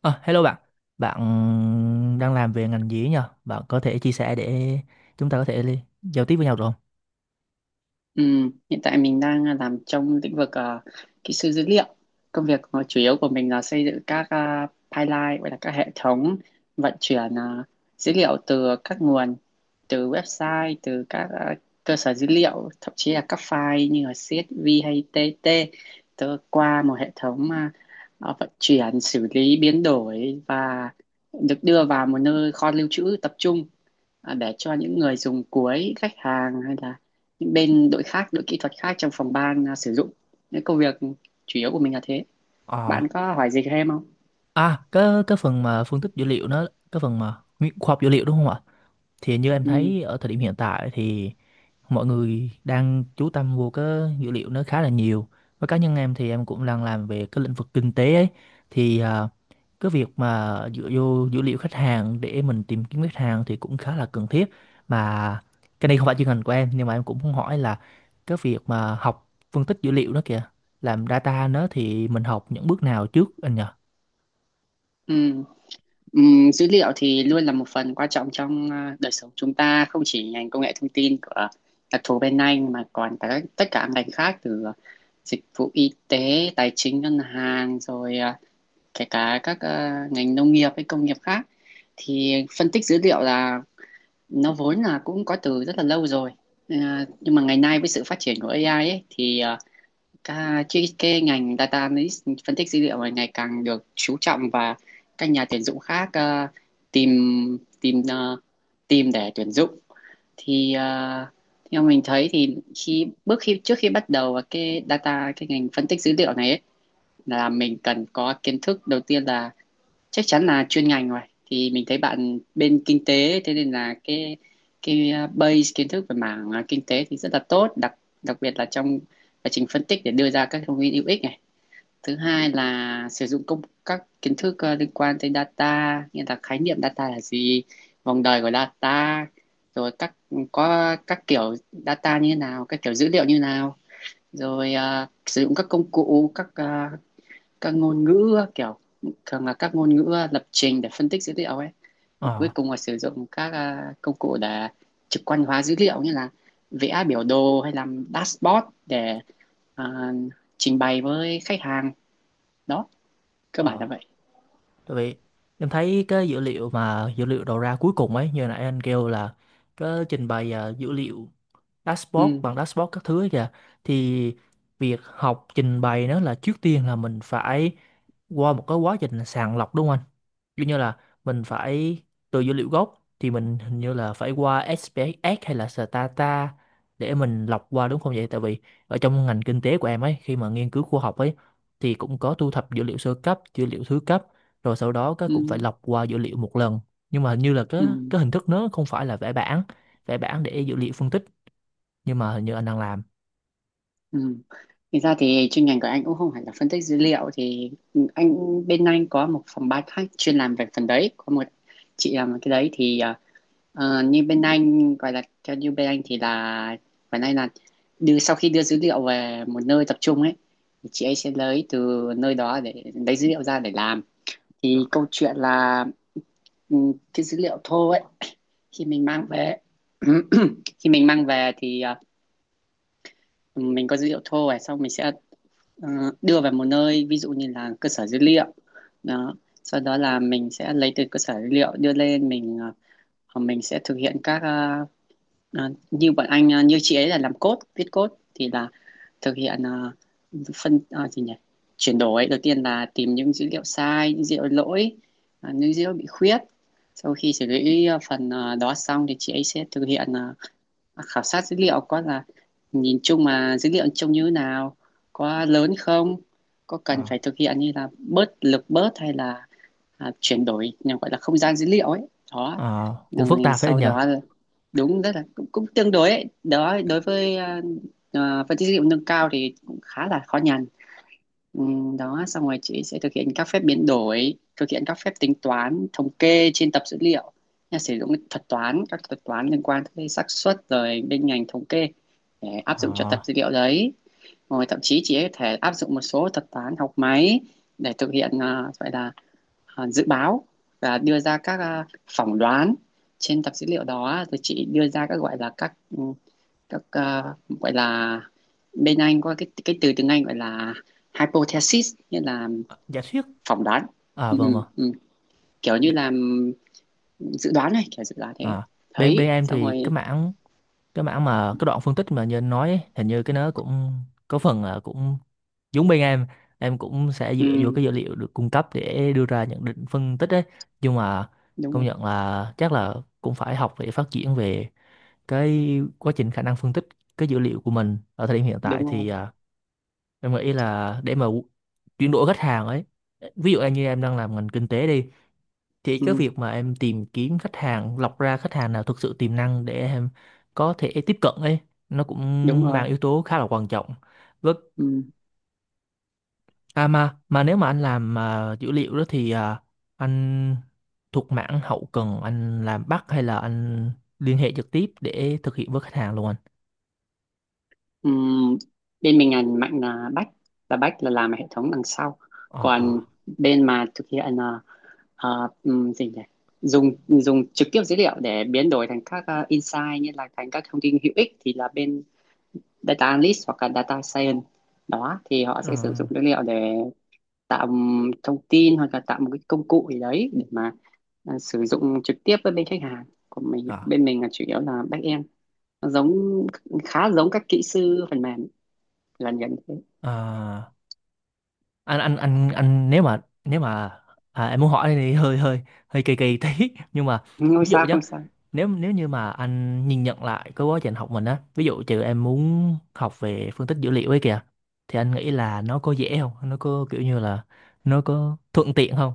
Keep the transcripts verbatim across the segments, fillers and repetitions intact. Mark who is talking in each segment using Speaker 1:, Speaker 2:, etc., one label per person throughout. Speaker 1: Ờ, Hello bạn, bạn đang làm về ngành gì ấy nhờ? Bạn có thể chia sẻ để chúng ta có thể li- giao tiếp với nhau được không?
Speaker 2: Ừ, hiện tại mình đang làm trong lĩnh vực ờ, kỹ sư dữ liệu. Công việc mà chủ yếu của mình là xây dựng các ờ, pipeline, gọi là các hệ thống vận chuyển ờ, dữ liệu từ các nguồn, từ website, từ các ờ, cơ sở dữ liệu, thậm chí là các file như là xê ét vê hay tê tê, từ qua một hệ thống ờ, ờ, vận chuyển, xử lý, biến đổi và được đưa vào một nơi kho lưu trữ tập trung, à, để cho những người dùng cuối, khách hàng hay là những bên đội khác, đội kỹ thuật khác trong phòng ban à, sử dụng. Cái công việc chủ yếu của mình là thế.
Speaker 1: Ờ,
Speaker 2: Bạn có hỏi gì thêm không?
Speaker 1: à, cái cái phần mà phân tích dữ liệu nó, cái phần mà nguyên- khoa học dữ liệu đúng không ạ? Thì như em
Speaker 2: Ừ.
Speaker 1: thấy ở thời điểm hiện tại thì mọi người đang chú tâm vô cái dữ liệu nó khá là nhiều, với cá nhân em thì em cũng đang làm về cái lĩnh vực kinh tế ấy, thì à, cái việc mà dựa vô dữ liệu khách hàng để mình tìm kiếm khách hàng thì cũng khá là cần thiết. Mà cái này không phải chuyên ngành của em nhưng mà em cũng muốn hỏi là cái việc mà học phân tích dữ liệu đó kìa, làm data nó thì mình học những bước nào trước anh nhỉ?
Speaker 2: Ừ. Ừm, dữ liệu thì luôn là một phần quan trọng trong à, đời sống chúng ta, không chỉ ngành công nghệ thông tin của đặc thù bên anh mà còn cả các- tất cả các ngành khác, từ ờ, dịch vụ y tế, tài chính, ngân hàng, rồi à, kể cả các à, ngành nông nghiệp hay công nghiệp khác. Thì phân tích dữ liệu là, nó vốn là cũng có từ rất là lâu rồi. À, nhưng mà ngày nay với sự phát triển của ây ai ấy, thì ờ, Cả, chứ cái ngành data analyst, phân tích dữ liệu này ngày càng được chú trọng, và các nhà tuyển dụng khác ờ, tìm tìm ờ, tìm để tuyển dụng. Thì ờ, theo mình thấy thì khi bước khi trước khi bắt đầu vào cái data cái ngành phân tích dữ liệu này ấy, là mình cần có kiến thức đầu tiên là chắc chắn là chuyên ngành rồi. Thì mình thấy bạn bên kinh tế, thế nên là cái cái uh, base kiến thức về mảng uh, kinh tế thì rất là tốt, đặc đặc biệt là trong quá trình phân tích để đưa ra các thông tin hữu ích này. Thứ hai là sử dụng công các kiến thức ờ, liên quan tới data, như là khái niệm data là gì, vòng đời của data, rồi các có các kiểu data như thế nào, các kiểu dữ liệu như thế nào, rồi ờ, sử dụng các công cụ, các ờ, các ngôn ngữ, kiểu thường là các ngôn ngữ ờ, lập trình để phân tích dữ liệu ấy. Và cuối
Speaker 1: Ờ.
Speaker 2: cùng là sử dụng các ờ, công cụ để trực quan hóa dữ liệu, như là vẽ biểu đồ hay làm dashboard để à, trình bày với khách hàng. Đó, cơ bản là
Speaker 1: Ờ.
Speaker 2: vậy.
Speaker 1: Tại vì em thấy cái dữ liệu mà dữ liệu đầu ra cuối cùng ấy như nãy anh kêu là cái trình bày à, dữ liệu dashboard
Speaker 2: Ừ,
Speaker 1: bằng dashboard các thứ ấy kìa, thì việc học trình bày nó là trước tiên là mình phải qua một cái quá trình sàng lọc đúng không anh? Kiểu như là mình phải từ dữ liệu gốc thì mình hình như là phải qua ét pê ét xê hay là Stata để mình lọc qua đúng không vậy? Tại vì ở trong ngành kinh tế của em ấy khi mà nghiên cứu khoa học ấy thì cũng có thu thập dữ liệu sơ cấp, dữ liệu thứ cấp rồi sau đó các
Speaker 2: ừ,
Speaker 1: cũng phải lọc qua dữ liệu một lần. Nhưng mà hình như là cái
Speaker 2: ừ,
Speaker 1: cái hình thức nó không phải là vẽ bảng, vẽ bảng để dữ liệu phân tích, nhưng mà hình như anh đang làm.
Speaker 2: ừ. Thì ra thì chuyên ngành của anh cũng không phải là phân tích dữ liệu, thì anh bên anh có một phòng ban khác chuyên làm về phần đấy, có một chị làm cái đấy. Thì à, ờ, như bên anh gọi là, theo như bên anh thì là bên anh là đưa, sau khi đưa dữ liệu về một nơi tập trung ấy thì chị ấy sẽ lấy từ nơi đó để lấy dữ liệu ra để làm.
Speaker 1: Ờ,
Speaker 2: Thì câu chuyện là, ừ, cái dữ liệu thô ấy khi mình mang về khi mình mang về thì à, mình có dữ liệu thô này, xong mình sẽ ờ, đưa về một nơi, ví dụ như là cơ sở dữ liệu. Đó, sau đó là mình sẽ lấy từ cơ sở dữ liệu đưa lên, mình ờ, mình sẽ thực hiện các ờ, ờ, như bọn anh ờ, như chị ấy là làm code, viết code, thì là thực hiện ờ, phân ờ, gì nhỉ chuyển đổi. Đầu tiên là tìm những dữ liệu sai, những dữ liệu lỗi, ờ, những dữ liệu bị khuyết. Sau khi xử lý ờ, phần ờ, đó xong thì chị ấy sẽ thực hiện ờ, khảo sát dữ liệu, có là nhìn chung mà dữ liệu trông như thế nào, có lớn không, có cần
Speaker 1: ờ,
Speaker 2: phải thực hiện như là bớt lực bớt hay là à, chuyển đổi nhà gọi là không gian dữ liệu ấy. Đó
Speaker 1: ờ, Cũng phức
Speaker 2: rồi
Speaker 1: tạp phải anh
Speaker 2: sau
Speaker 1: nhờ.
Speaker 2: đó, đúng rất là cũng, cũng tương đối ấy. Đó, đối với à, à, phân tích dữ liệu nâng cao thì cũng khá là khó nhằn. Ừ, đó xong rồi chị sẽ thực hiện các phép biến đổi, thực hiện các phép tính toán thống kê trên tập dữ liệu. Nhà sử dụng cái thuật toán, các thuật toán liên quan tới xác suất, rồi bên ngành thống kê để áp dụng cho
Speaker 1: Ờ,
Speaker 2: tập dữ liệu đấy. Rồi thậm chí chị ấy có thể áp dụng một số thuật toán học máy để thực hiện à, gọi là à, dự báo và đưa ra các à, phỏng đoán trên tập dữ liệu đó. Rồi chị đưa ra các, gọi là các, ừ, các ờ, gọi là, bên anh có cái cái từ tiếng Anh gọi là hypothesis, nghĩa là
Speaker 1: Giả thuyết.
Speaker 2: phỏng đoán.
Speaker 1: À
Speaker 2: Ừ,
Speaker 1: vâng
Speaker 2: ừ,
Speaker 1: mà.
Speaker 2: ừ. Kiểu như là ừm, dự đoán này, kiểu dự đoán thế,
Speaker 1: Ờ, Bên
Speaker 2: thấy
Speaker 1: bên em
Speaker 2: xong
Speaker 1: thì cái
Speaker 2: rồi.
Speaker 1: mảng, cái mảng mà cái đoạn phân tích mà như anh nói ấy, hình như cái nó cũng có phần là cũng giống bên em em cũng sẽ dựa vô
Speaker 2: Ừm,
Speaker 1: cái dữ liệu được cung cấp để đưa ra nhận định phân tích ấy, nhưng mà
Speaker 2: đúng
Speaker 1: công
Speaker 2: rồi,
Speaker 1: nhận là chắc là cũng phải học để phát triển về cái quá trình khả năng phân tích cái dữ liệu của mình ở thời điểm hiện tại.
Speaker 2: đúng rồi.
Speaker 1: Thì à, em nghĩ là để mà chuyển đổi khách hàng ấy, ví dụ như em đang làm ngành kinh tế đi, thì cái
Speaker 2: Ừm,
Speaker 1: việc mà em tìm kiếm khách hàng, lọc ra khách hàng nào thực sự tiềm năng để em có thể tiếp cận ấy, nó
Speaker 2: đúng
Speaker 1: cũng mang
Speaker 2: rồi.
Speaker 1: yếu tố khá là quan trọng. Với
Speaker 2: Ừm.
Speaker 1: à, mà mà nếu mà anh làm à, dữ liệu đó thì à, anh thuộc mảng hậu cần, anh làm back hay là anh liên hệ trực tiếp để thực hiện với khách hàng luôn anh?
Speaker 2: Ừm. Bên mình ngành mạnh là back, là back là làm hệ thống đằng sau.
Speaker 1: ờ ờ
Speaker 2: Còn bên mà thực hiện là ờ, ừm, gì nhỉ dùng dùng trực tiếp dữ liệu để biến đổi thành các ờ, insight, như là thành các thông tin hữu ích, thì là bên data analyst hoặc là data science. Đó, thì họ
Speaker 1: ờ
Speaker 2: sẽ sử dụng dữ liệu để tạo thông tin hoặc là tạo một cái công cụ gì đấy để mà à, sử dụng trực tiếp với bên khách hàng của mình.
Speaker 1: ờ
Speaker 2: Bên mình là chủ yếu là back end. Nó giống, khá giống các kỹ sư phần mềm, gần gần thế.
Speaker 1: ờ. anh anh anh anh nếu mà nếu mà à, em muốn hỏi này hơi hơi hơi kỳ kỳ tí nhưng mà
Speaker 2: Không
Speaker 1: ví dụ
Speaker 2: sao,
Speaker 1: nhá,
Speaker 2: không sao.
Speaker 1: nếu nếu như mà anh nhìn nhận lại cái quá trình học mình á, ví dụ trừ em muốn học về phân tích dữ liệu ấy kìa, thì anh nghĩ là nó có dễ không, nó có kiểu như là nó có thuận tiện không?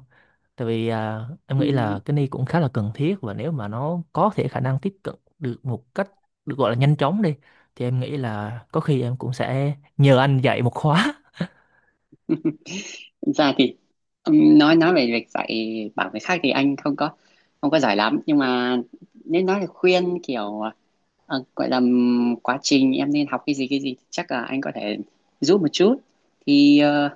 Speaker 1: Tại vì à, em nghĩ
Speaker 2: Ừm.
Speaker 1: là cái này cũng khá là cần thiết, và nếu mà nó có thể khả năng tiếp cận được một cách được gọi là nhanh chóng đi, thì em nghĩ là có khi em cũng sẽ nhờ anh dạy một khóa.
Speaker 2: Thực ra thì ừm, nói nói về việc dạy bảo người khác thì anh không có không có giỏi lắm. Nhưng mà nếu nói là khuyên kiểu, ờ, gọi là ừm, quá trình em nên học cái gì, cái gì, thì chắc là anh có thể giúp một chút. Thì ờ,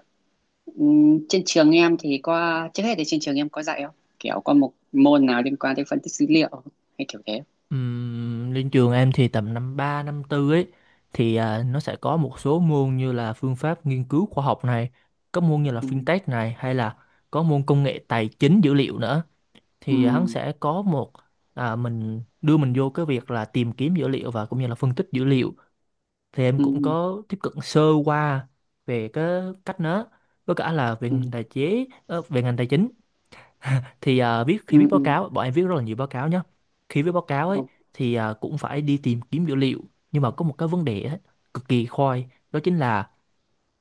Speaker 2: ừm, trên trường em thì có, trước hết thì trên trường em có dạy không, kiểu có một môn nào liên quan tới phân tích dữ liệu hay kiểu thế?
Speaker 1: Ừm, lên trường em thì tầm năm ba năm tư ấy thì à, nó sẽ có một số môn như là phương pháp nghiên cứu khoa học này, có môn như là
Speaker 2: Ừ,
Speaker 1: fintech này, hay là có môn công nghệ tài chính dữ liệu nữa,
Speaker 2: ừ,
Speaker 1: thì hắn sẽ có một à, mình đưa mình vô cái việc là tìm kiếm dữ liệu và cũng như là phân tích dữ liệu, thì em
Speaker 2: ừ,
Speaker 1: cũng có tiếp cận sơ qua về cái cách nó, với cả là về
Speaker 2: ừ,
Speaker 1: ngành tài chế ờ, về ngành tài chính. Thì à, viết khi viết
Speaker 2: ừ,
Speaker 1: báo
Speaker 2: ừ,
Speaker 1: cáo bọn em viết rất là nhiều báo cáo nhá. Khi viết báo cáo ấy
Speaker 2: ừ,
Speaker 1: thì à, cũng phải đi tìm kiếm dữ liệu, nhưng mà có một cái vấn đề ấy, cực kỳ khoai đó chính là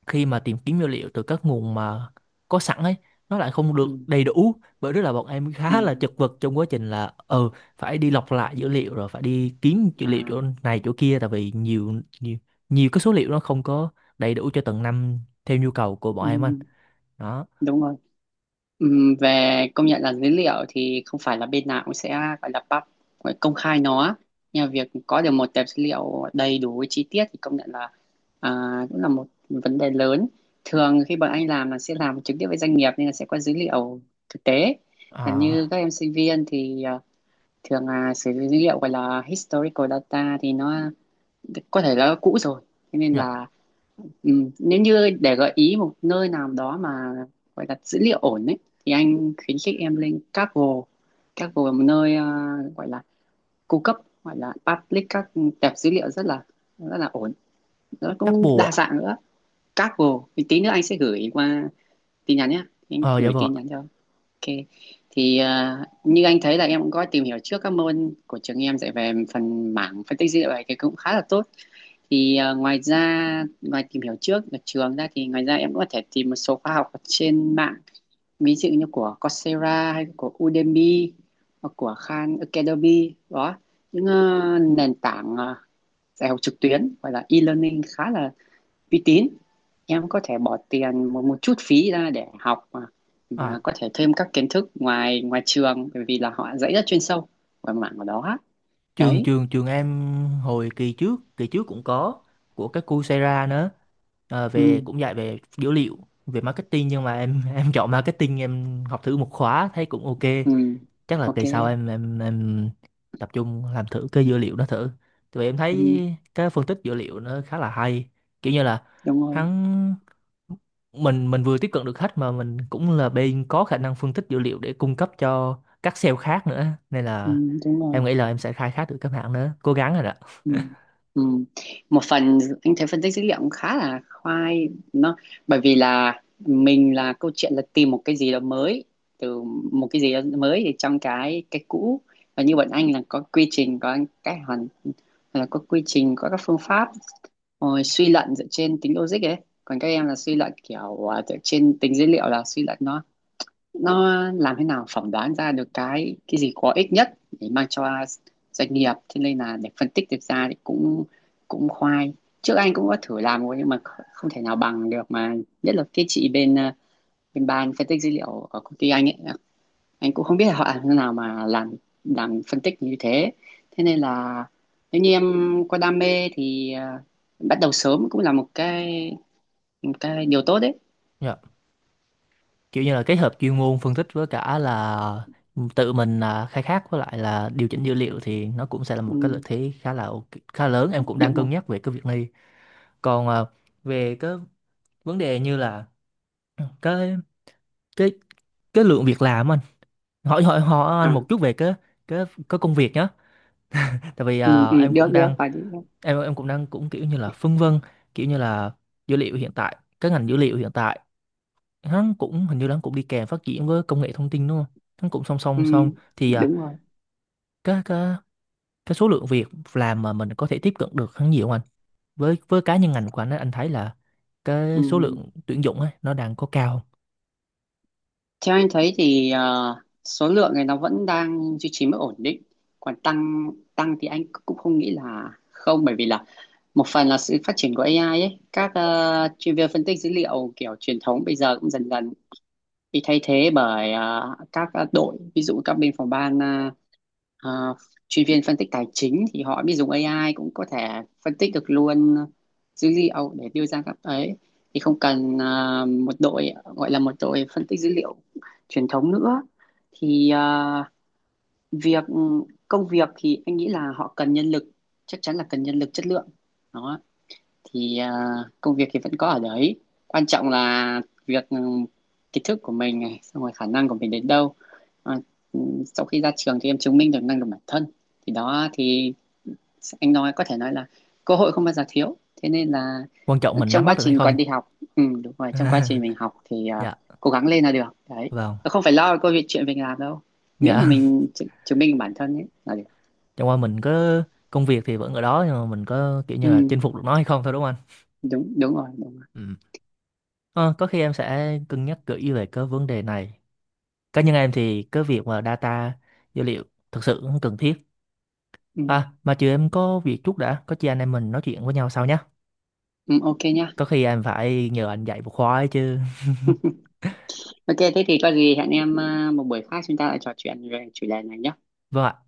Speaker 1: khi mà tìm kiếm dữ liệu từ các nguồn mà có sẵn ấy, nó lại không được
Speaker 2: ừ,
Speaker 1: đầy đủ. Bởi đó là bọn em
Speaker 2: ừ,
Speaker 1: khá là chật vật trong quá trình là ừ, phải đi lọc lại dữ liệu rồi phải đi kiếm dữ liệu
Speaker 2: à,
Speaker 1: chỗ này chỗ kia, tại vì nhiều nhiều nhiều cái số liệu nó không có đầy đủ cho từng năm theo nhu cầu của bọn em anh.
Speaker 2: ừ,
Speaker 1: Đó,
Speaker 2: đúng rồi. Ừm, về, công nhận là dữ liệu thì không phải là bên nào cũng sẽ gọi là pub gọi là công khai nó. Nhưng mà việc có được một tập dữ liệu đầy đủ với chi tiết thì công nhận là à, cũng là một vấn đề lớn. Thường khi bọn anh làm là sẽ làm trực tiếp với doanh nghiệp, nên là sẽ có dữ liệu thực tế. Là như
Speaker 1: à,
Speaker 2: các em sinh viên thì à, thường là sử dụng dữ liệu gọi là historical data, thì nó có thể là cũ rồi. Thế nên
Speaker 1: dạ.
Speaker 2: là, ừ, nếu như để gợi ý một nơi nào đó mà gọi là dữ liệu ổn ấy thì anh khuyến khích em lên Kaggle. Kaggle là một nơi ờ, gọi là cung cấp, gọi là public các tệp dữ liệu rất là rất là ổn, nó cũng
Speaker 1: Couple
Speaker 2: đa
Speaker 1: ạ.
Speaker 2: dạng nữa. Kaggle thì tí nữa anh sẽ gửi qua tin nhắn nhé, anh
Speaker 1: Ờ dạ
Speaker 2: gửi
Speaker 1: vâng
Speaker 2: tin
Speaker 1: ạ.
Speaker 2: nhắn cho. Ok. Thì ờ, như anh thấy là em cũng có tìm hiểu trước các môn của trường em dạy về phần mảng phân tích dữ liệu này thì cũng khá là tốt. Thì ờ, ngoài ra ngoài tìm hiểu trước ở trường ra thì ngoài ra em cũng có thể tìm một số khóa học ở trên mạng, ví dụ như của Coursera hay của Udemy hoặc của Khan Academy. Đó, những ờ, nền tảng ờ, dạy học trực tuyến, gọi là e-learning, khá là uy tín. Em có thể bỏ tiền một một chút phí ra để học, mà mà
Speaker 1: À,
Speaker 2: có thể thêm các kiến thức ngoài ngoài trường, bởi vì là họ dạy rất chuyên sâu về mảng của đó.
Speaker 1: trường
Speaker 2: Đấy.
Speaker 1: trường trường em hồi kỳ trước kỳ trước cũng có của cái Coursera nữa. Ờ, về
Speaker 2: Ừ,
Speaker 1: cũng dạy về dữ liệu, về marketing, nhưng mà em em chọn marketing, em học thử một khóa thấy cũng ok.
Speaker 2: ừ,
Speaker 1: Chắc là
Speaker 2: ok.
Speaker 1: kỳ sau em em em tập trung làm thử cái dữ liệu đó thử, tại vì em thấy
Speaker 2: Ừ,
Speaker 1: cái phân tích dữ liệu nó khá là hay, kiểu như là
Speaker 2: đúng rồi.
Speaker 1: hắn mình mình vừa tiếp cận được khách mà mình cũng là bên có khả năng phân tích dữ liệu để cung cấp cho các sale khác nữa, nên
Speaker 2: Ừ,
Speaker 1: là
Speaker 2: đúng rồi.
Speaker 1: em nghĩ là em sẽ khai thác được các bạn nữa, cố gắng rồi đó.
Speaker 2: Ừ. Ừ. Một phần anh thấy phân tích dữ liệu cũng khá là khoai. Nó bởi vì là mình là, câu chuyện là tìm một cái gì đó mới, từ một cái gì đó mới thì trong cái cái cũ. Và như bọn anh là có quy trình, có cái hoàn là có quy trình, có các phương pháp, rồi suy luận dựa trên tính logic ấy. Còn các em là suy luận kiểu à, dựa trên tính dữ liệu, là suy luận nó nó làm thế nào phỏng đoán ra được cái cái gì có ích nhất để mang cho doanh nghiệp. Thế nên là để phân tích được ra thì cũng cũng khoai. Trước anh cũng có thử làm rồi nhưng mà kh- không thể nào bằng được mà, nhất là cái chị bên ờ, bên ban phân tích dữ liệu ở công ty anh ấy. Anh cũng không biết là họ làm thế nào mà làm làm phân tích như thế. Thế nên là nếu như em có đam mê thì ờ, bắt đầu sớm cũng là một cái, một cái điều tốt đấy.
Speaker 1: Dạ. Kiểu như là kết hợp chuyên môn phân tích với cả là tự mình là khai thác với lại là điều chỉnh dữ liệu thì nó cũng sẽ là một cái lợi
Speaker 2: Ừ,
Speaker 1: thế khá là ok- khá lớn, em cũng đang
Speaker 2: đúng
Speaker 1: cân
Speaker 2: không?
Speaker 1: nhắc về cái việc này. Còn ờ, về cái vấn đề như là ừ, cái cái cái lượng việc làm anh, hỏi hỏi hỏi anh
Speaker 2: À,
Speaker 1: một chút về cái cái cái công việc nhé. Tại vì
Speaker 2: ừ,
Speaker 1: ờ,
Speaker 2: ừ,
Speaker 1: em
Speaker 2: được
Speaker 1: cũng
Speaker 2: được,
Speaker 1: đang
Speaker 2: phải đi.
Speaker 1: em em cũng đang cũng kiểu như là phân vân. Kiểu như là dữ liệu hiện tại, cái ngành dữ liệu hiện tại, nó cũng hình như nó cũng đi kèm phát triển với công nghệ thông tin đúng không, nó cũng song
Speaker 2: Ừ,
Speaker 1: song song. Thì ờ,
Speaker 2: đúng rồi.
Speaker 1: cái cái cái số lượng việc làm mà mình có thể tiếp cận được hắn nhiều không anh? Với với cá nhân ngành của anh á, anh thấy là
Speaker 2: Ừ.
Speaker 1: cái số lượng tuyển dụng ấy nó đang có cao không?
Speaker 2: Theo anh thấy thì ờ, số lượng này nó vẫn đang duy trì mức ổn định. Còn tăng tăng thì anh cũng không nghĩ là không, bởi vì là một phần là sự phát triển của ây ai ấy, các ờ, chuyên viên phân tích dữ liệu kiểu truyền thống bây giờ cũng dần dần bị thay thế bởi ờ, các ờ, đội, ví dụ các bên phòng ban ờ, Ờ, chuyên viên phân tích tài chính thì họ biết dùng ây ai cũng có thể phân tích được luôn ờ, dữ liệu để đưa ra các ấy, thì không cần ờ, một đội, gọi là một đội phân tích dữ liệu truyền thống nữa. Thì ờ, việc công việc thì anh nghĩ là họ cần nhân lực, chắc chắn là cần nhân lực chất lượng. Đó, thì à, công việc thì vẫn có ở đấy. Quan trọng là việc, ừ, kiến thức của mình này, xong rồi khả năng của mình đến đâu. à, ừ, Sau khi ra trường thì em chứng minh được năng lực bản thân, thì đó thì anh nói, có thể nói là cơ hội không bao giờ thiếu. Thế nên là,
Speaker 1: Quan trọng mình
Speaker 2: trong
Speaker 1: nắm
Speaker 2: quá
Speaker 1: bắt được hay
Speaker 2: trình
Speaker 1: không.
Speaker 2: còn đi học, ừ, đúng rồi, trong quá trình mình học thì à,
Speaker 1: Dạ
Speaker 2: cố gắng lên là được đấy.
Speaker 1: vâng.
Speaker 2: Không phải lo câu chuyện mình làm đâu, miễn là
Speaker 1: Dạ.
Speaker 2: mình chứng chứng minh bản thân ấy là được.
Speaker 1: Chẳng qua mình có công việc thì vẫn ở đó, nhưng mà mình có kiểu như là
Speaker 2: Ừ,
Speaker 1: chinh phục được nó hay không thôi đúng không anh?
Speaker 2: đúng đúng rồi, đúng rồi.
Speaker 1: Ừ. Ờ, có khi em sẽ cân nhắc kỹ về cái vấn đề này. Cá nhân em thì cái việc mà data dữ liệu thực sự cũng cần thiết.
Speaker 2: Ừ,
Speaker 1: À mà chiều em có việc chút đã, có chi anh em mình nói chuyện với nhau sau nhé.
Speaker 2: ừ, ok nhá.
Speaker 1: Có khi em phải nhờ anh dạy một khóa ấy chứ.
Speaker 2: Ok, thế thì có gì hẹn em ờ, một buổi khác chúng ta lại trò chuyện về chủ đề này nhé.
Speaker 1: Vâng ạ.